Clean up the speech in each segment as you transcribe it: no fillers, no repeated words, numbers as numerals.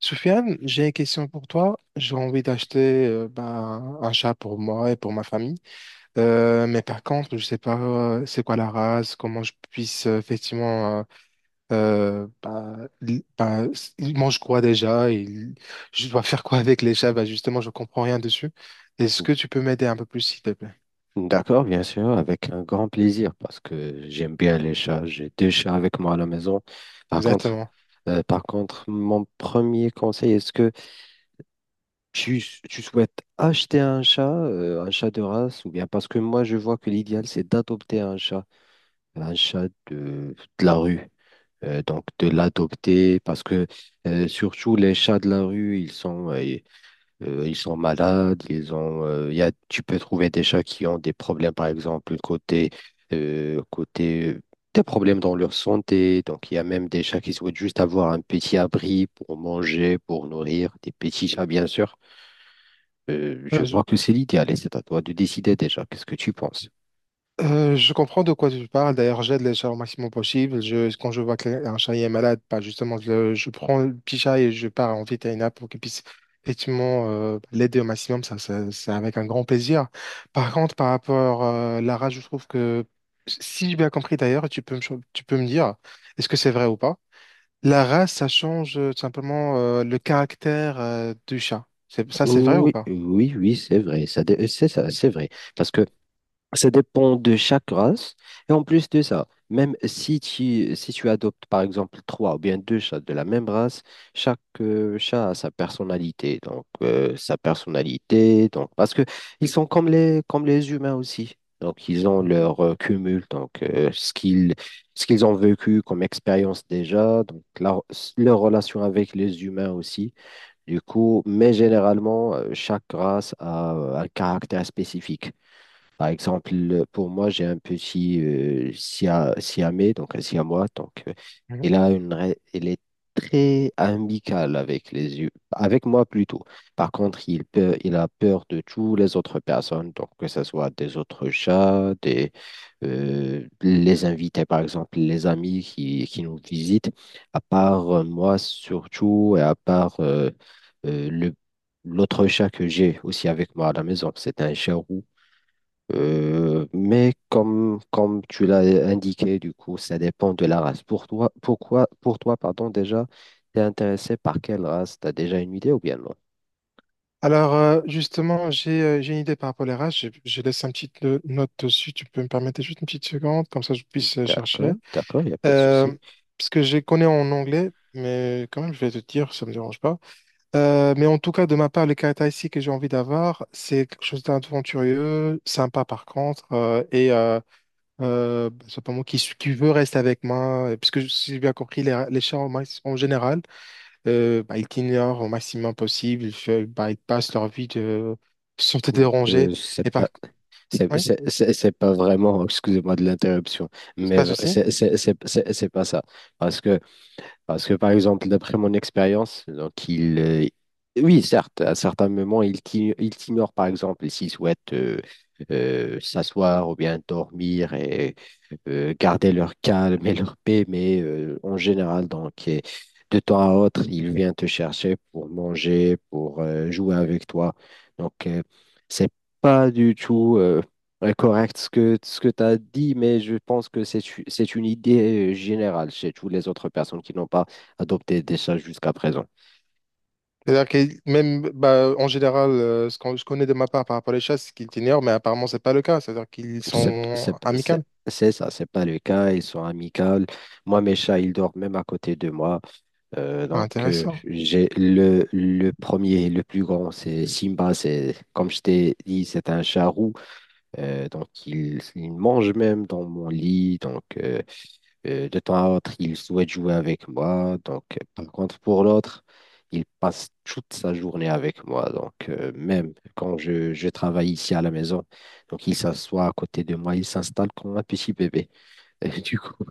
Soufiane, j'ai une question pour toi. J'ai envie d'acheter un chat pour moi et pour ma famille. Mais par contre, je ne sais pas c'est quoi la race, comment je puisse effectivement... il mange quoi déjà? Je dois faire quoi avec les chats? Ben, justement, je ne comprends rien dessus. Est-ce que tu peux m'aider un peu plus, s'il te plaît? D'accord, bien sûr, avec un grand plaisir, parce que j'aime bien les chats. J'ai deux chats avec moi à la maison. Par contre, Exactement. par contre, mon premier conseil, est-ce que tu, tu souhaites acheter un chat de race, ou bien parce que moi, je vois que l'idéal, c'est d'adopter un chat de la rue. Donc, de l'adopter, parce que surtout les chats de la rue, ils sont malades, ils ont, y a, tu peux trouver des chats qui ont des problèmes, par exemple, côté des problèmes dans leur santé. Donc, il y a même des chats qui souhaitent juste avoir un petit abri pour manger, pour nourrir, des petits chats, bien sûr. Je vois que c'est l'idéal et c'est à toi de décider déjà. Qu'est-ce que tu penses? Je comprends de quoi tu parles. D'ailleurs, j'aide les chats au maximum possible. Quand je vois qu'un chat est malade, pas justement, je prends le petit chat et je pars en vétérinaire pour qu'il puisse effectivement l'aider au maximum. Ça, c'est avec un grand plaisir. Par contre, par rapport à la rage, je trouve que, si j'ai bien compris d'ailleurs, tu peux me, tu peux me dire, est-ce que c'est vrai ou pas? La race, ça change tout simplement le caractère du chat. Ça, c'est vrai ou Oui, pas? oui, oui, c'est vrai. C'est ça, c'est vrai. Parce que ça dépend de chaque race. Et en plus de ça, même si si tu adoptes, par exemple, trois ou bien deux chats de la même race, chaque chat a sa personnalité. Donc, sa personnalité. Donc, parce que ils sont comme comme les humains aussi. Donc, ils ont Mhm. leur cumul. Donc, ce qu'ils ont vécu comme expérience déjà. Donc, leur relation avec les humains aussi. Du coup, mais généralement, chaque race a un caractère spécifique. Par exemple, pour moi, j'ai un petit Siamais, donc un Siamois. Donc, Mhm. il a une, ra- il est très amical avec les yeux, avec moi plutôt. Par contre, il a peur de toutes les autres personnes, donc que ce soit des autres chats, les invités, par exemple, les amis qui nous visitent. À part moi surtout, et à part le l'autre chat que j'ai aussi avec moi à la maison, c'est un chat roux, mais comme tu l'as indiqué, du coup, ça dépend de la race. Pour toi, pour toi, pardon, déjà, t'es intéressé par quelle race? T'as déjà une idée ou bien non? Alors, justement, j'ai une idée par rapport à la race. Je laisse une petite note dessus. Tu peux me permettre juste une petite seconde, comme ça je puisse D'accord, chercher. d'accord, il n'y a pas de Euh, souci. Parce que je les connais en anglais, mais quand même, je vais te dire, ça ne me dérange pas. Mais en tout cas, de ma part, les caractéristiques que j'ai envie d'avoir, c'est quelque chose d'aventurieux, sympa par contre, simplement qui veut rester avec moi, puisque si j'ai bien compris, les chats en, en général, bah, ils t'ignorent au maximum possible, bah, ils passent leur vie de, sans te déranger. C'est Et pas, par... Oui, c'est- C'est pas vraiment, excusez-moi de l'interruption, c'est mais passe aussi. C'est pas ça. Parce que Parce que, par exemple, d'après mon expérience, donc oui, certes, à certains moments, il t'ignore, par exemple, s'il souhaite s'asseoir ou bien dormir et garder leur calme et leur paix, mais en général, donc, et de temps à autre, il vient te chercher pour manger, pour jouer avec toi. Donc, c'est pas du tout. Ouais, correct ce ce que tu as dit, mais je pense que c'est une idée générale chez toutes les autres personnes qui n'ont pas adopté des chats jusqu'à présent. C'est-à-dire que même bah, en général, ce que je connais de ma part par rapport à les chats, c'est qu'ils t'ignorent, mais apparemment, c'est pas le cas. C'est-à-dire qu'ils C'est sont c'est- c'est- amicales. c'est ça, c'est pas le cas, ils sont amicaux. Moi, mes chats, ils dorment même à côté de moi. Ah, intéressant. J'ai le premier, le plus grand, c'est Simba. C'est, comme je t'ai dit, c'est un chat roux. Il mange même dans mon lit. Donc, de temps à autre, il souhaite jouer avec moi. Donc, par contre, pour l'autre, il passe toute sa journée avec moi. Donc, même quand je travaille ici à la maison, donc il s'assoit à côté de moi, il s'installe comme un petit bébé. Et du coup,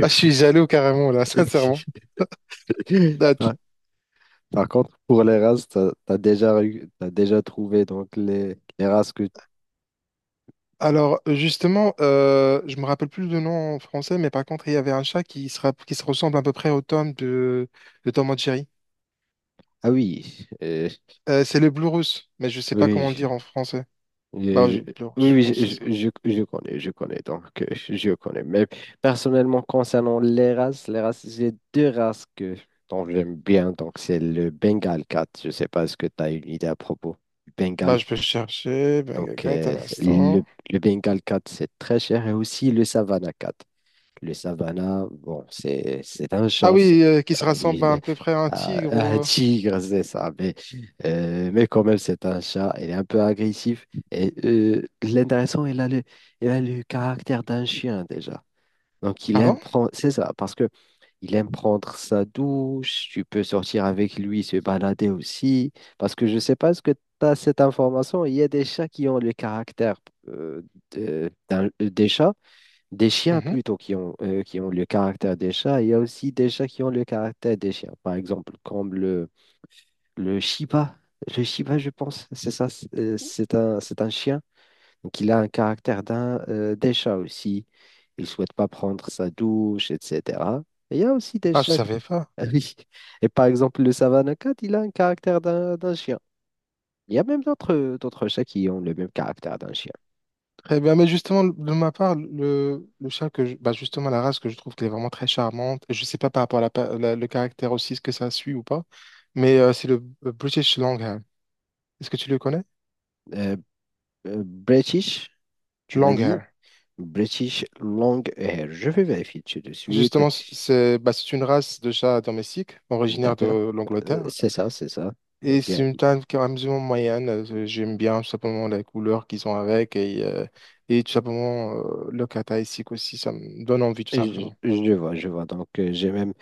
Ah, je suis jaloux carrément, là, sincèrement. Ah, tu- par, par contre, pour les races, tu as, déjà, eu- t'as déjà trouvé donc les races que... Alors, justement, je me rappelle plus le nom en français, mais par contre, il y avait un chat qui se, qui se ressemble à peu près au Tom de Tom and Jerry. Ah oui, C'est le Blue Russe, mais je sais pas comment le dire oui, en français. Je- Bah, je- je, Blue, oui, je pense que c'est ça. Je connais, donc je connais. Mais personnellement, concernant les races, j'ai deux races dont j'aime bien. Donc, c'est le Bengal cat. Je ne sais pas ce que tu as une idée à propos du Bah, Bengal. je peux chercher. Benga Donc, Cat, un instant. le Bengal cat, c'est très cher. Et aussi le Savannah cat. Le Savannah, bon, c'est un Ah chat. oui, qui se rassemble à, Il, un peu près à un euh, tigre. un tigre, c'est ça. Mais quand même, c'est un chat. Il est un peu agressif. Et l'intéressant, il a il a le caractère d'un chien déjà. Donc, il Ah aime bon? prendre, c'est ça, parce que il aime prendre sa douche. Tu peux sortir avec lui, se balader aussi. Parce que je sais pas ce que tu as cette information. Il y a des chats qui ont le caractère euh, des chats. Des chiens Mhm. plutôt qui ont le caractère des chats. Il y a aussi des chats qui ont le caractère des chiens. Par exemple, comme le Shiba. Le Shiba, je pense, c'est ça. C'est un chien qui a un caractère d'un des chats aussi. Il ne souhaite pas prendre sa douche, etc. Et il y a aussi des Ah, je chats savais pas. Ah oui. Et par exemple, le Savannah Cat, il a un caractère d'un chien. Il y a même d'autres chats qui ont le même caractère d'un chien. Très bien. Mais justement, de ma part, le chat que bah justement, la race que je trouve qu'elle est vraiment très charmante. Je sais pas par rapport à le caractère aussi, ce que ça suit ou pas. Mais c'est le British Longhair. Est-ce que tu le connais? Euh, British, tu m'as dit. Longhair. British Long Hair. Je vais vérifier tout de suite. Justement, c'est bah, c'est une race de chat domestique originaire D'accord. de l'Angleterre. C'est ça, c'est ça. Et c'est Bien une vu. taille qui est amusement moyenne. J'aime bien tout simplement la couleur qu'ils ont avec et tout simplement le cathaïsique aussi. Ça me donne envie tout Et simplement. Je vois, Donc, j'ai même,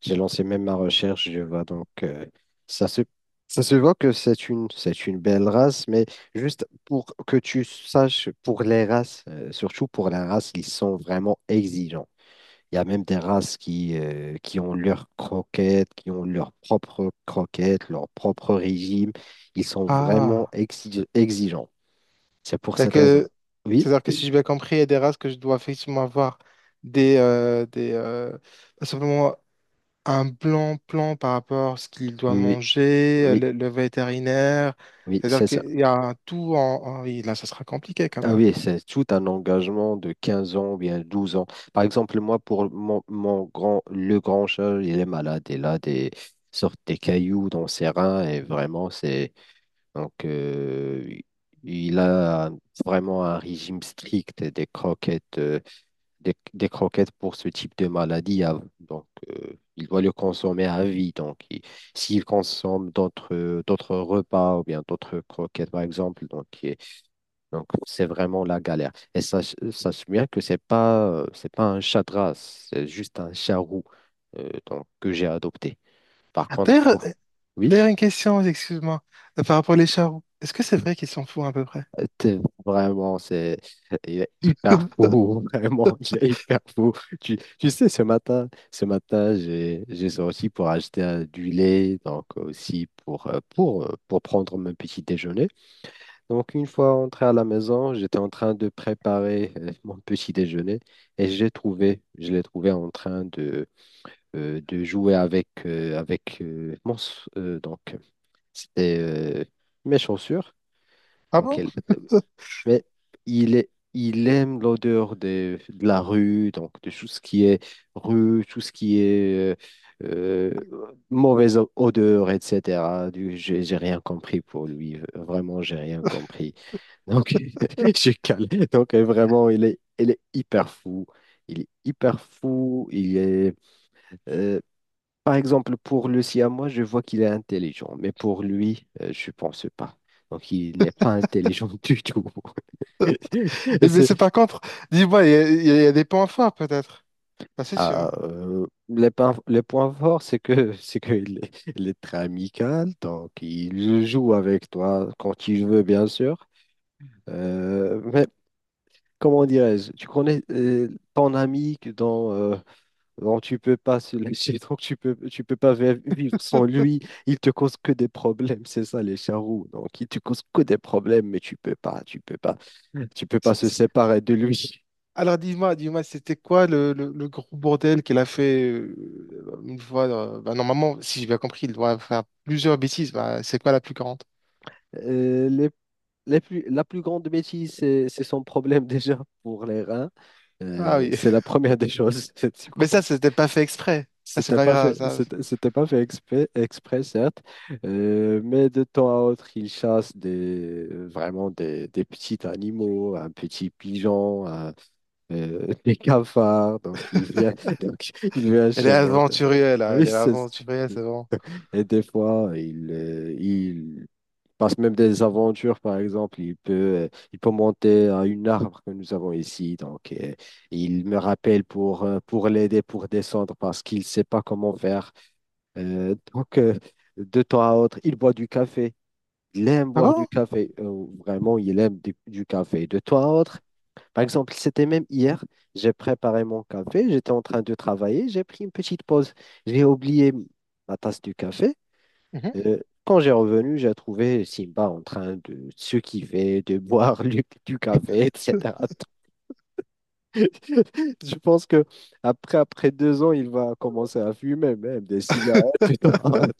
j'ai lancé même ma recherche. Je vois donc, ça se, ça se voit que c'est une belle race, mais juste pour que tu saches, pour les races, surtout pour la race, ils sont vraiment exigeants. Il y a même des races qui ont leurs croquettes, qui ont leurs propres croquettes, leur propre régime. Ils sont vraiment Ah, exigeants. C'est pour c'est-à-dire cette raison. que, Oui, c'est-à-dire que si oui, j'ai bien compris, il y a des races que je dois effectivement avoir des pas simplement un plan par rapport à ce qu'il doit oui, manger, oui, le vétérinaire. oui, C'est-à-dire c'est ça. qu'il y a un tout en, oui, là, ça sera compliqué quand Ah même. oui, c'est tout un engagement de 15 ans ou bien 12 ans. Par exemple, moi, pour mon grand, le grand chat, il est malade. Il a des sortes des cailloux dans ses reins et vraiment, c'est... Donc, euh, il a vraiment un régime strict des croquettes, des croquettes pour ce type de maladie. Ah, donc, il doit le consommer à vie. S'il consomme d'autres repas ou bien d'autres croquettes, par exemple, donc c'est vraiment la galère. Et ça sache bien que c'est pas un chat de race, c'est juste un chat roux, que j'ai adopté. Par Ah, contre, d'ailleurs, pour... oui. d'ailleurs, une question, excuse-moi, par rapport aux charros. Est-ce que c'est vrai qu'ils s'en foutent à peu près? T'es... Vraiment, il est hyper fou, vraiment, il est hyper fou. Tu sais, ce matin, j'ai sorti pour acheter du lait, donc aussi pour, pour prendre mon petit déjeuner. Donc, une fois entré à la maison, j'étais en train de préparer mon petit déjeuner et je l'ai trouvé en train de jouer avec, avec mon, s- donc, c'était mes chaussures. Ah Donc, bon? elle- mais il est, il aime l'odeur de la rue, donc de tout ce qui est rue, tout ce qui est mauvaise odeur, etc. Du, J'ai rien compris pour lui. Vraiment, j'ai rien compris. Donc, j'ai calé. Donc, vraiment, il est hyper fou. Il est hyper fou. Il est, euh, par exemple, pour le siamois, je vois qu'il est intelligent, mais pour lui, je pense pas. Donc, il n'est pas intelligent du tout. Eh bien, c'est C'est... par contre, dis-moi, il y a des points forts peut-être. Ah, c'est sûr. Le point fort, c'est que il est très amical, donc il joue avec toi quand il veut, bien sûr. Mais comment dirais-je, tu connais ton ami que dans, donc tu peux pas se lâcher, donc tu peux pas vivre sans lui. Il te cause que des problèmes, c'est ça les charroux. Donc il te cause que des problèmes, mais tu peux pas se séparer de lui. Alors dis-moi, dis-moi, c'était quoi le gros bordel qu'elle a fait une fois bah, normalement, si j'ai bien compris, il doit faire plusieurs bêtises. Bah, c'est quoi la plus grande? Euh, les- les plus- la plus grande bêtise, c'est son problème déjà pour les reins. Ah Euh, oui, c'est la première des choses, du mais ça, coup. c'était pas fait exprès. Ça, c'est pas grave, ça. C'était pas fait exprès, exprès certes, mais de temps à autre, ils chassent des petits animaux, un petit pigeon, des cafards, donc il vient donc il vient Elle est chez moi. Aventurière, là. Oui, Elle est c'est ça. aventurière, c'est bon. Et des fois, il passe même des aventures, par exemple. Il peut monter à une arbre que nous avons ici. Donc, il me rappelle pour l'aider pour descendre parce qu'il ne sait pas comment faire. Donc, de temps à autre, il boit du café. Il aime Ah boire du bon? café. Vraiment, il aime du café. De temps à autre, par exemple, c'était même hier, j'ai préparé mon café, j'étais en train de travailler, j'ai pris une petite pause. J'ai oublié ma tasse du café. Mhm. Euh, quand j'ai revenu, j'ai trouvé Simba en train de se kiffer, de boire du café, etc. Je pense que après, après 2 ans, il va commencer à fumer même des cigarettes. Tu...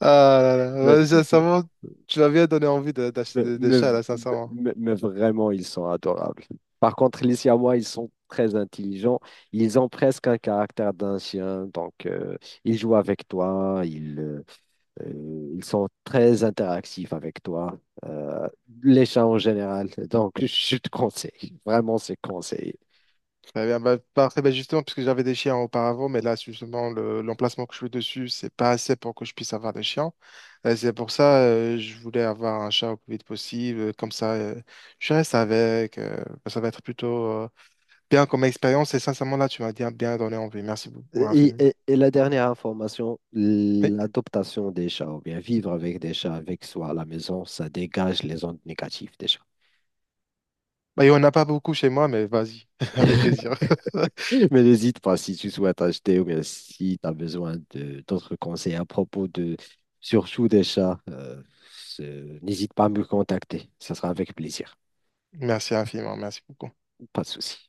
Ah là là, ouais, sincèrement, tu m'as bien donné envie d'acheter Mais, des mais chats, v- là, sincèrement. Mais vraiment, ils sont adorables. Par contre, les Siamois, ils sont très intelligents. Ils ont presque un caractère d'un chien. Donc, ils jouent avec toi. Ils sont très interactifs avec toi. Euh, les chats en général. Donc, je te conseille. Vraiment, c'est conseillé. Très bien. Bah, parfait. Bah, justement, puisque j'avais des chiens auparavant, mais là, justement, l'emplacement que je suis dessus, c'est pas assez pour que je puisse avoir des chiens. C'est pour ça, je voulais avoir un chat au plus vite possible. Comme ça, je reste avec. Bah, ça va être plutôt bien comme expérience. Et sincèrement, là, tu m'as bien, bien donné envie. Merci beaucoup, infiniment. Et la dernière information, Oui. l'adoption des chats, ou bien vivre avec des chats avec soi à la maison, ça dégage les ondes négatives des chats. Bah, il n'y en a pas beaucoup chez moi, mais vas-y, avec plaisir. Mais n'hésite pas si tu souhaites acheter ou bien si tu as besoin de d'autres conseils à propos de surtout des chats, n'hésite pas à me contacter. Ça sera avec plaisir. Merci infiniment. Merci beaucoup. Pas de souci.